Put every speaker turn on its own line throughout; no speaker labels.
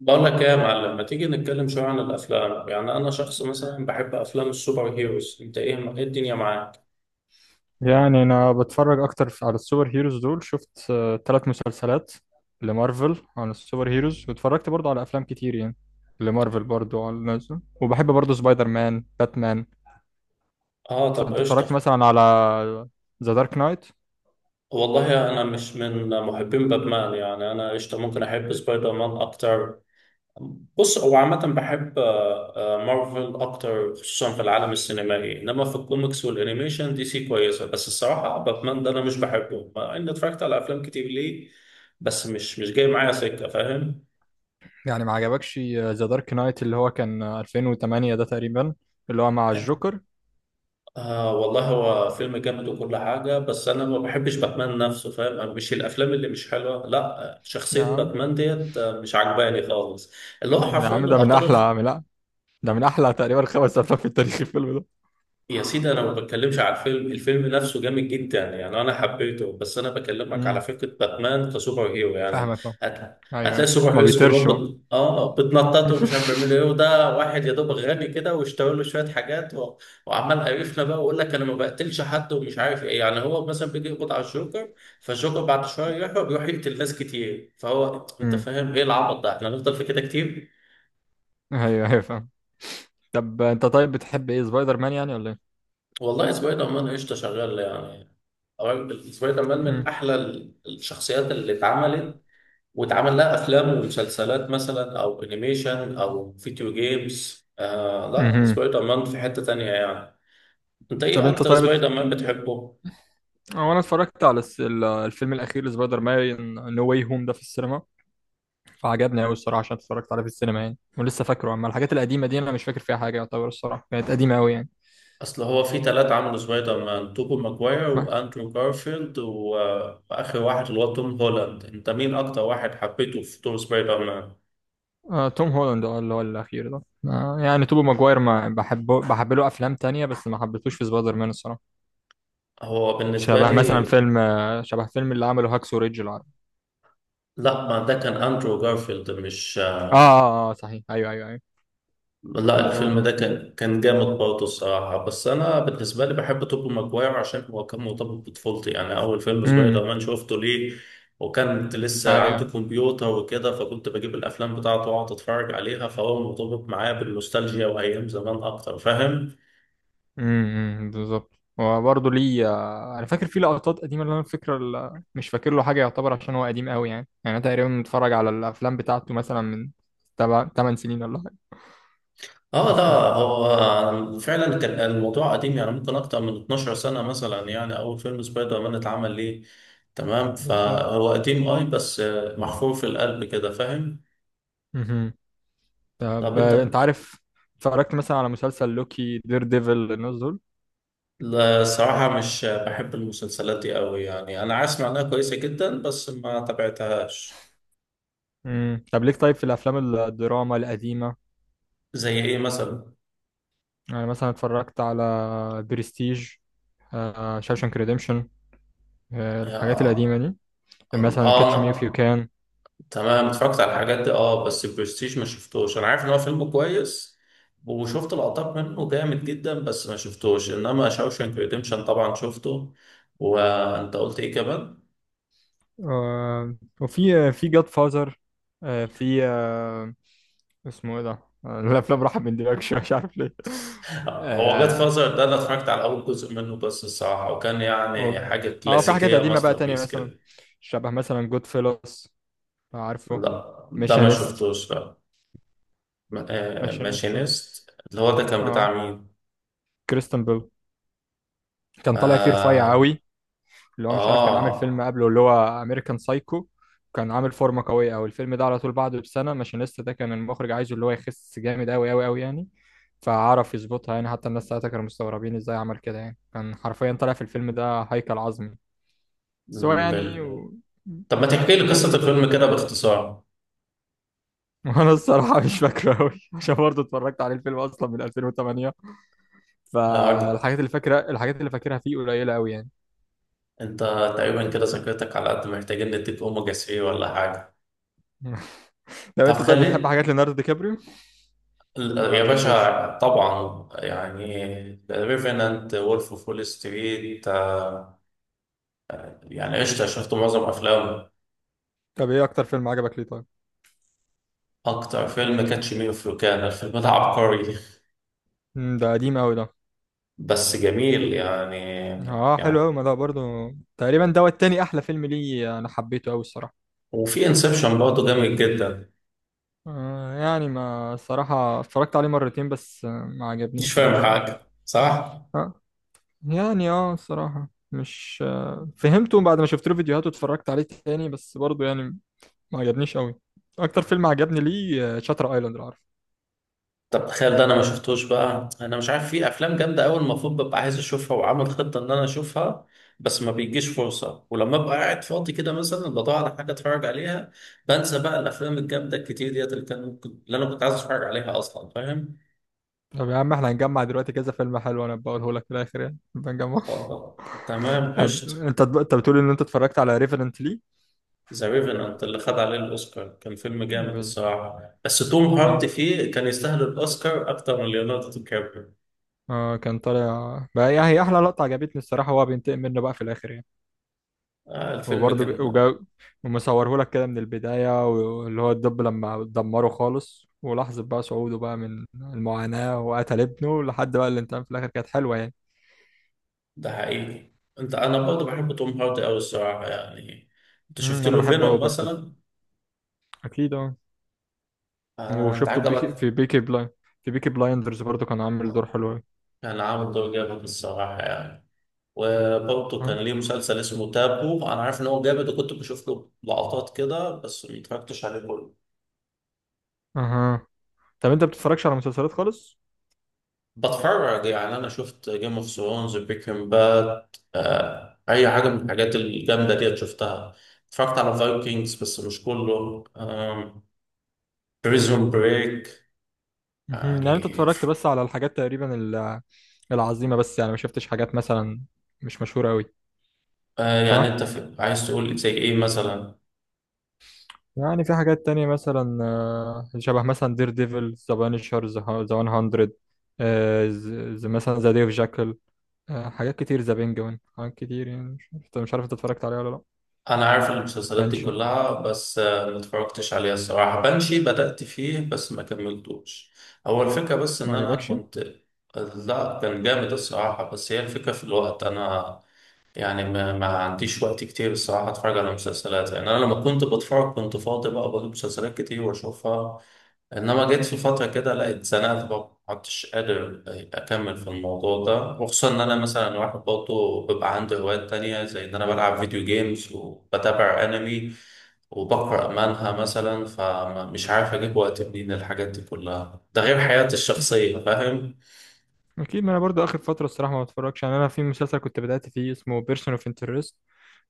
بقول لك ايه يا معلم، ما تيجي نتكلم شويه عن الافلام؟ يعني انا شخص مثلا بحب افلام السوبر هيروز، انت ايه؟ إيه الدنيا معاك؟
يعني انا بتفرج اكتر على السوبر هيروز دول. شفت 3 مسلسلات لمارفل عن السوبر هيروز، واتفرجت برضو على افلام كتير يعني لمارفل برضو على نازل. وبحب برضو سبايدر مان، باتمان.
اه طب
فانت اتفرجت
قشطه.
مثلا على ذا دارك نايت؟
والله انا مش من محبين باتمان يعني، انا قشطه ممكن احب سبايدر مان اكتر. بص هو عامه بحب مارفل اكتر خصوصا في العالم السينمائي، انما في الكوميكس والانيميشن دي سي كويسه، بس الصراحه باتمان ده انا مش بحبه مع اني اتفرجت على افلام كتير ليه. بس مش جاي معايا سكه، فاهم؟
يعني ما عجبكش ذا دارك نايت اللي هو كان 2008 ده تقريبا، اللي هو مع الجوكر؟
آه والله هو فيلم جامد وكل حاجة، بس أنا ما بحبش باتمان نفسه، فاهم؟ أنا مش الأفلام اللي مش حلوة، لا
يا
شخصية
عم،
باتمان ديت مش عجباني خالص. اللي هو
يا
حرفيا
عم،
الأبطال.
ده من احلى تقريبا 5 افلام في التاريخ، الفيلم ده.
يا سيدي انا ما بتكلمش على الفيلم، الفيلم نفسه جامد جدا يعني انا حبيته، بس انا بكلمك على
امم
فكره باتمان كسوبر هيرو يعني.
فاهمك أهو. ايوه،
هتلاقي
أيوة،
سوبر
ما
هيروز كلهم
بيطيرش هو.
اه بتنطط ومش عارف بيعملوا ايه، وده واحد يا دوب غني كده واشترى له شويه حاجات وعمال قرفنا بقى ويقول لك انا ما بقتلش حد ومش عارف ايه، يعني هو مثلا بيجي يقبض على الجوكر، فالجوكر بعد شويه يروح بيروح يقتل ناس كتير، فهو انت
امم
فاهم ايه العبط ده؟ احنا هنفضل في كده كتير.
ايوه، ايوه، فاهم. طب انت بتحب ايه سبايدر مان يعني، ولا ايه؟
والله سبايدر مان قشطه شغال يعني. طبعاً بالنسبة لي كمان
مهم.
من أحلى الشخصيات اللي اتعملت واتعمل لها أفلام ومسلسلات مثلا، أو أنيميشن أو فيديو جيمز. آه لا،
مهم.
سبايدر مان في حتة تانية يعني. أنت
طب
إيه
انت
أكتر
طيب بت-
سبايدر مان بتحبه؟
هو انا اتفرجت على الفيلم الاخير لسبايدر مان نو واي هوم ده في السينما. فعجبني قوي الصراحه عشان اتفرجت عليه في السينما يعني، ولسه فاكره. اما الحاجات القديمه دي انا مش فاكر فيها حاجه يعتبر، الصراحه كانت قديمه قوي يعني.
أصل هو في تلاتة عملوا سبايدر مان: توبو ماجواير
ما.
وأندرو جارفيلد وآخر واحد اللي هو توم هولاند. أنت مين أكتر واحد حبيته في دور سبايدر مان؟
توم هولاند، اللي هو الاخير ده. يعني توبي ماجواير ما بحبه، بحب له افلام تانية، بس ما حبيتهوش في سبايدر مان الصراحه.
هو بالنسبة لي.
شبه فيلم اللي عمله هاكسو ريدج العربي.
لا ما ده كان أندرو جارفيلد مش.
اه، اه، اه، صحيح. ايوه، ايوه، ايوه.
لا
مظبوط،
الفيلم ده
اه.
كان جامد برضه الصراحة، بس أنا بالنسبة لي بحب توب ماجواير عشان هو كان مرتبط بطفولتي، يعني أول فيلم سبايدر
امم
مان شفته ليه. وكانت لسه عندي
ايوه.
كمبيوتر وكده، فكنت بجيب الأفلام بتاعته وأقعد أتفرج عليها، فهو مرتبط معايا بالنوستالجيا وأيام زمان أكتر، فاهم؟
بالظبط. هو برضه ليه، انا فاكر فيه لقطات قديمه، اللي انا فاكر مش فاكر له حاجه يعتبر، عشان هو قديم قوي يعني انا تقريبا متفرج على الافلام بتاعته مثلا من تبع 8 سنين ولا حاجه
آه لا،
اصلا.
هو فعلا كان الموضوع قديم، يعني ممكن أكتر من 12 سنة مثلا يعني أول فيلم سبايدر مان اتعمل ليه. تمام
بالظبط.
فهو قديم أي بس محفور في القلب كده، فاهم؟
امم طب،
طب
انت
أنت،
عارف اتفرجت مثلا على مسلسل لوكي، دير ديفل، الناس دول؟
لا الصراحة مش بحب المسلسلات دي قوي يعني، أنا عارف إنها كويسة جدا بس ما تابعتهاش.
طب ليك، طيب، في الافلام الدراما القديمه؟
زي إيه مثلا؟
يعني مثلا اتفرجت على برستيج، شاوشانك ريديمشن، الحاجات القديمه
آه
دي، مثلا كاتش مي اوف يو
أنا
كان.
تمام اتفرجت على الحاجات دي أه، بس البرستيج ما شفتوش، أنا عارف إن هو فيلم كويس وشفت لقطات منه جامد جدا بس ما شفتوش. إنما شاوشانك ريديمشن طبعا شفته. وأنت قلت إيه كمان؟
آه، وفي في جاد فازر. في، اسمه ايه ده؟ الافلام راحت من دماغي شوية، مش عارف ليه.
هو جاد
اه.
فازر ده أنا اتفرجت على أول جزء منه بس الصراحة وكان يعني
و-
حاجة
في حاجات
كلاسيكية
قديمة بقى
ماستر
تانية
بيس
مثلا،
كده
شبه مثلا جود فيلوس، عارفه؟
لا ده ما
ميشانست.
شفتوش لا م- آه،
ميشانست،
ماشينيست اللي هو ده كان
اه.
بتاع مين؟
كريستن بيل، كان طالع فيه رفيع
آه
قوي. اللي هو مش عارف، كان عامل
آه
فيلم قبله اللي هو امريكان سايكو. كان عامل فورمه قويه. او الفيلم ده على طول بعده بسنه، ماشينيستا ده كان المخرج عايزه اللي هو يخس جامد قوي قوي قوي يعني. فعرف يظبطها يعني. حتى الناس ساعتها كانوا مستغربين ازاي عمل كده يعني، كان حرفيا طالع في الفيلم ده هيكل عظمي. بس هو
م،
يعني
بال...
و...
طب ما تحكي
ما
لي قصة
كان
الفيلم كده باختصار.
وانا الصراحه مش فاكره قوي، عشان برضه اتفرجت عليه الفيلم اصلا من 2008.
آه عجب.
فالحاجات اللي فاكره الحاجات اللي فاكرها فيه قليله قوي يعني.
أنت تقريبا كده ذاكرتك على قد، محتاجين نديك أوميجا 3 ولا حاجة.
لو
طب
انت طيب، بتحب
خلي
حاجات ليوناردو دي كابريو ولا ما
يا
بتحبوش؟
باشا طبعا، يعني ريفينانت وولف اوف وول ستريت، يعني قشطة شفت معظم أفلامه.
طب ايه اكتر فيلم عجبك ليه، طيب؟
أكتر فيلم كاتش مي إف يو كان، الفيلم ده عبقري
ده قديم قوي ده.
بس جميل يعني
اه، حلو
يعني.
قوي. ما ده برضو تقريبا دوت تاني احلى فيلم ليه، انا حبيته قوي الصراحه.
وفي انسبشن برضه جميل جدا.
يعني ما الصراحه اتفرجت عليه مرتين بس، ما
مش
عجبنيش قوي
فاهم
الصراحه.
حاجه صح.
آه يعني الصراحه مش فهمته بعد ما شفت له فيديوهات واتفرجت عليه تاني، بس برضو يعني ما عجبنيش قوي. اكتر فيلم عجبني ليه شاتر ايلاند، لو عارف.
طب تخيل ده انا ما شفتوش بقى، انا مش عارف، في افلام جامده قوي المفروض ببقى عايز اشوفها وعامل خطه ان انا اشوفها، بس ما بيجيش فرصه، ولما ابقى قاعد فاضي كده مثلا بدور على حاجه اتفرج عليها بنسى بقى الافلام الجامده الكتير ديت اللي كان ممكن اللي انا كنت عايز اتفرج عليها اصلا، فاهم؟
طب يا عم، احنا هنجمع دلوقتي كذا فيلم حلو، انا بقوله لك في الاخر يعني بنجمع.
خلاص. تمام
طب
قشطه.
انت بتقول ان انت اتفرجت على ريفرنت ليه؟
ذا ريفنانت اللي خد عليه الاوسكار كان فيلم جامد
بس
الصراحه، بس توم هارت
اه،
فيه كان يستاهل الاوسكار اكتر من ليوناردو دي كابريو.
كان طالع بقى يعني. هي احلى لقطه عجبتني الصراحه، هو بينتقم منه بقى في الاخر يعني.
آه الفيلم
وبرضه
كان.
وجا ومصوره لك كده من البدايه، واللي هو الدب لما دمره خالص، ولحظه بقى صعوده بقى من المعاناه وقتل ابنه لحد بقى الانتقام في الاخر، كانت حلوه يعني.
ده حقيقي. انت انا برضه بحب توم هارت قوي الصراحه يعني. انت شفت
انا
له
بحبه قوي
فينوم
برضه.
مثلا؟
اكيد، اه.
آه انت
وشفته بيكي
عجبك.
في بيكي بلاين في بيكي بلايندرز برضه، كان عامل دور حلو قوي.
كان عامل دور جامد الصراحه يعني. وبرضه كان
اه.
ليه مسلسل اسمه تابو، انا عارف ان هو جامد وكنت بشوف له لقطات كده بس ما اتفرجتش عليه كله.
اها. طب انت بتتفرجش على مسلسلات خالص؟
بتفرج يعني، انا شفت جيم اوف ثرونز، بريكنج باد، آه اي حاجه من الحاجات الجامده ديت شفتها. اتفرجت على فايكنجز بس مش كله. بريزون بريك.
مهم. يعني انت
يعني
اتفرجت بس على الحاجات تقريبا العظيمة بس، يعني ما شفتش حاجات مثلا مش مشهورة قوي،
يعني،
صح؟
انت عايز تقول زي ايه مثلا؟
يعني في حاجات تانية مثلا، شبه مثلا دير ديفل، ذا بانشر، ذا 100، مثلا ذا ديف جاكل، حاجات كتير، ذا بينجوين، حاجات كتير يعني. مش عارف انت اتفرجت عليها ولا لا.
انا عارف المسلسلات دي
بانشي،
كلها بس ما اتفرجتش عليها الصراحه. بنشي بدأت فيه بس ما كملتوش. هو الفكره بس
ما
ان انا
عجبكش؟
كنت، لا كان جامد الصراحه، بس هي الفكره في الوقت انا يعني ما عنديش وقت كتير الصراحة اتفرج على مسلسلات، يعني انا لما كنت بتفرج كنت فاضي بقى بجيب مسلسلات كتير واشوفها. انما جيت في فترة كده لقيت اتزنقت بقى ما عدتش قادر اكمل في الموضوع ده، وخصوصا ان انا مثلا واحد برضه بيبقى عندي هوايات تانية زي ان انا بلعب فيديو جيمز وبتابع انمي وبقرأ مانهوا مثلا، فمش عارف اجيب وقت منين الحاجات دي كلها، ده غير حياتي الشخصية، فاهم؟
اكيد. ما انا برضو اخر فتره الصراحه ما بتفرجش يعني، انا في مسلسل كنت بدات فيه اسمه بيرسون اوف انترست.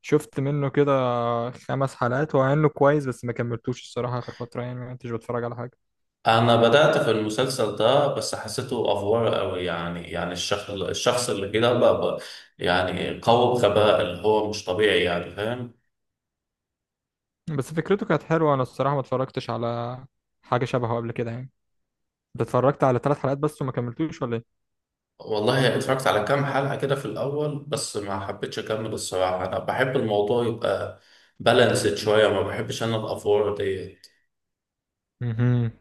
شفت منه كده 5 حلقات، هو انه كويس بس ما كملتوش الصراحه، اخر فتره يعني ما كنتش بتفرج على حاجه.
انا بدأت في المسلسل ده بس حسيته افوار قوي يعني، يعني الشخص اللي كده بقى يعني قوي بغباء اللي هو مش طبيعي يعني، فاهم؟
بس فكرته كانت حلوه. انا الصراحه ما اتفرجتش على حاجه شبهه قبل كده يعني. انت اتفرجت على 3 حلقات بس وما كملتوش، ولا ايه؟
والله اتفرجت على كام حلقة كده في الاول بس ما حبيتش اكمل الصراحة، انا بحب الموضوع يبقى بالانسد شوية، ما بحبش انا الافوار دي.
امم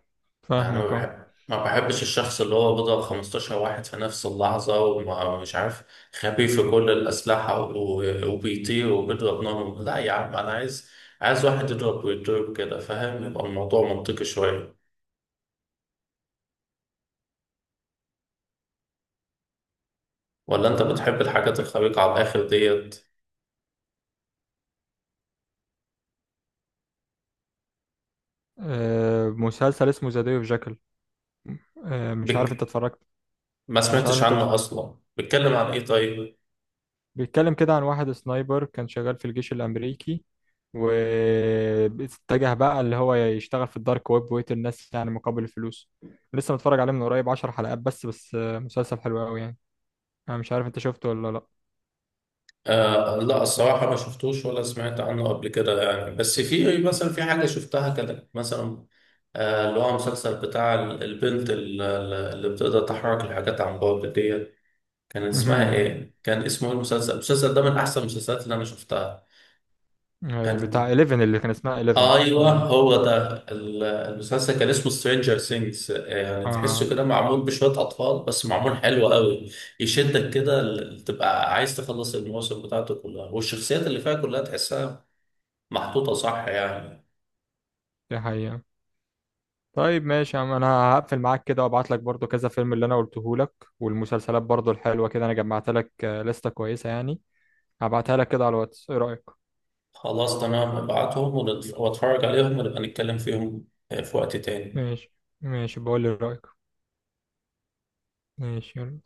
يعني ما
فاهمك، اه.
بحب ما بحبش الشخص اللي هو بيضرب 15 واحد في نفس اللحظة ومش عارف، خبي في كل الأسلحة وبيطير وبيضرب نار، لا يا عم أنا عايز، عايز واحد يضرب ويضرب كده، فاهم؟ يبقى الموضوع منطقي شوية. ولا أنت بتحب الحاجات الخارقة على الآخر ديت؟
مسلسل اسمه ذا داي اوف جاكل، مش عارف انت
بك...
اتفرجت.
ما
مش عارف
سمعتش
انت
عنها أصلا، بيتكلم عن إيه طيب؟
بيتكلم كده عن واحد سنايبر كان شغال في الجيش الأمريكي، واتجه بقى اللي هو يشتغل في الدارك ويب، ويقتل الناس يعني مقابل الفلوس. لسه متفرج عليه من قريب 10 حلقات، بس، مسلسل حلو قوي يعني. أنا مش عارف أنت شفته ولا لأ.
آه لا الصراحة ما شفتوش ولا سمعت عنه قبل كده يعني، بس في مثلا في حاجة شفتها كده مثلا، آه اللي هو مسلسل بتاع البنت اللي بتقدر تحرك الحاجات عن بعد ديت، كان اسمها
مهم.
ايه؟ كان اسمه ايه المسلسل؟ المسلسل ده من أحسن المسلسلات اللي أنا شفتها.
بتاع
كان،
11 اللي كان اسمها 11،
ايوه
اه.
هو ده المسلسل كان اسمه سترينجر ثينجز، يعني تحسه
آه.
كده معمول بشويه اطفال بس معمول حلو قوي، يشدك كده تبقى عايز تخلص المواسم بتاعته كلها، والشخصيات اللي فيها كلها تحسها محطوطه صح يعني.
دي حقيقة. طيب ماشي يا عم، انا هقفل معاك كده، وابعت لك برضو كذا فيلم اللي انا قلته لك. والمسلسلات برضو الحلوة كده انا جمعت لك لستة كويسة يعني. هبعتها لك كده على الواتس، ايه رأيك؟
خلاص تمام ابعتهم واتفرج عليهم ونبقى نتكلم فيهم في وقت تاني.
ماشي. ماشي، بقول لي رأيك. ماشي، يلا.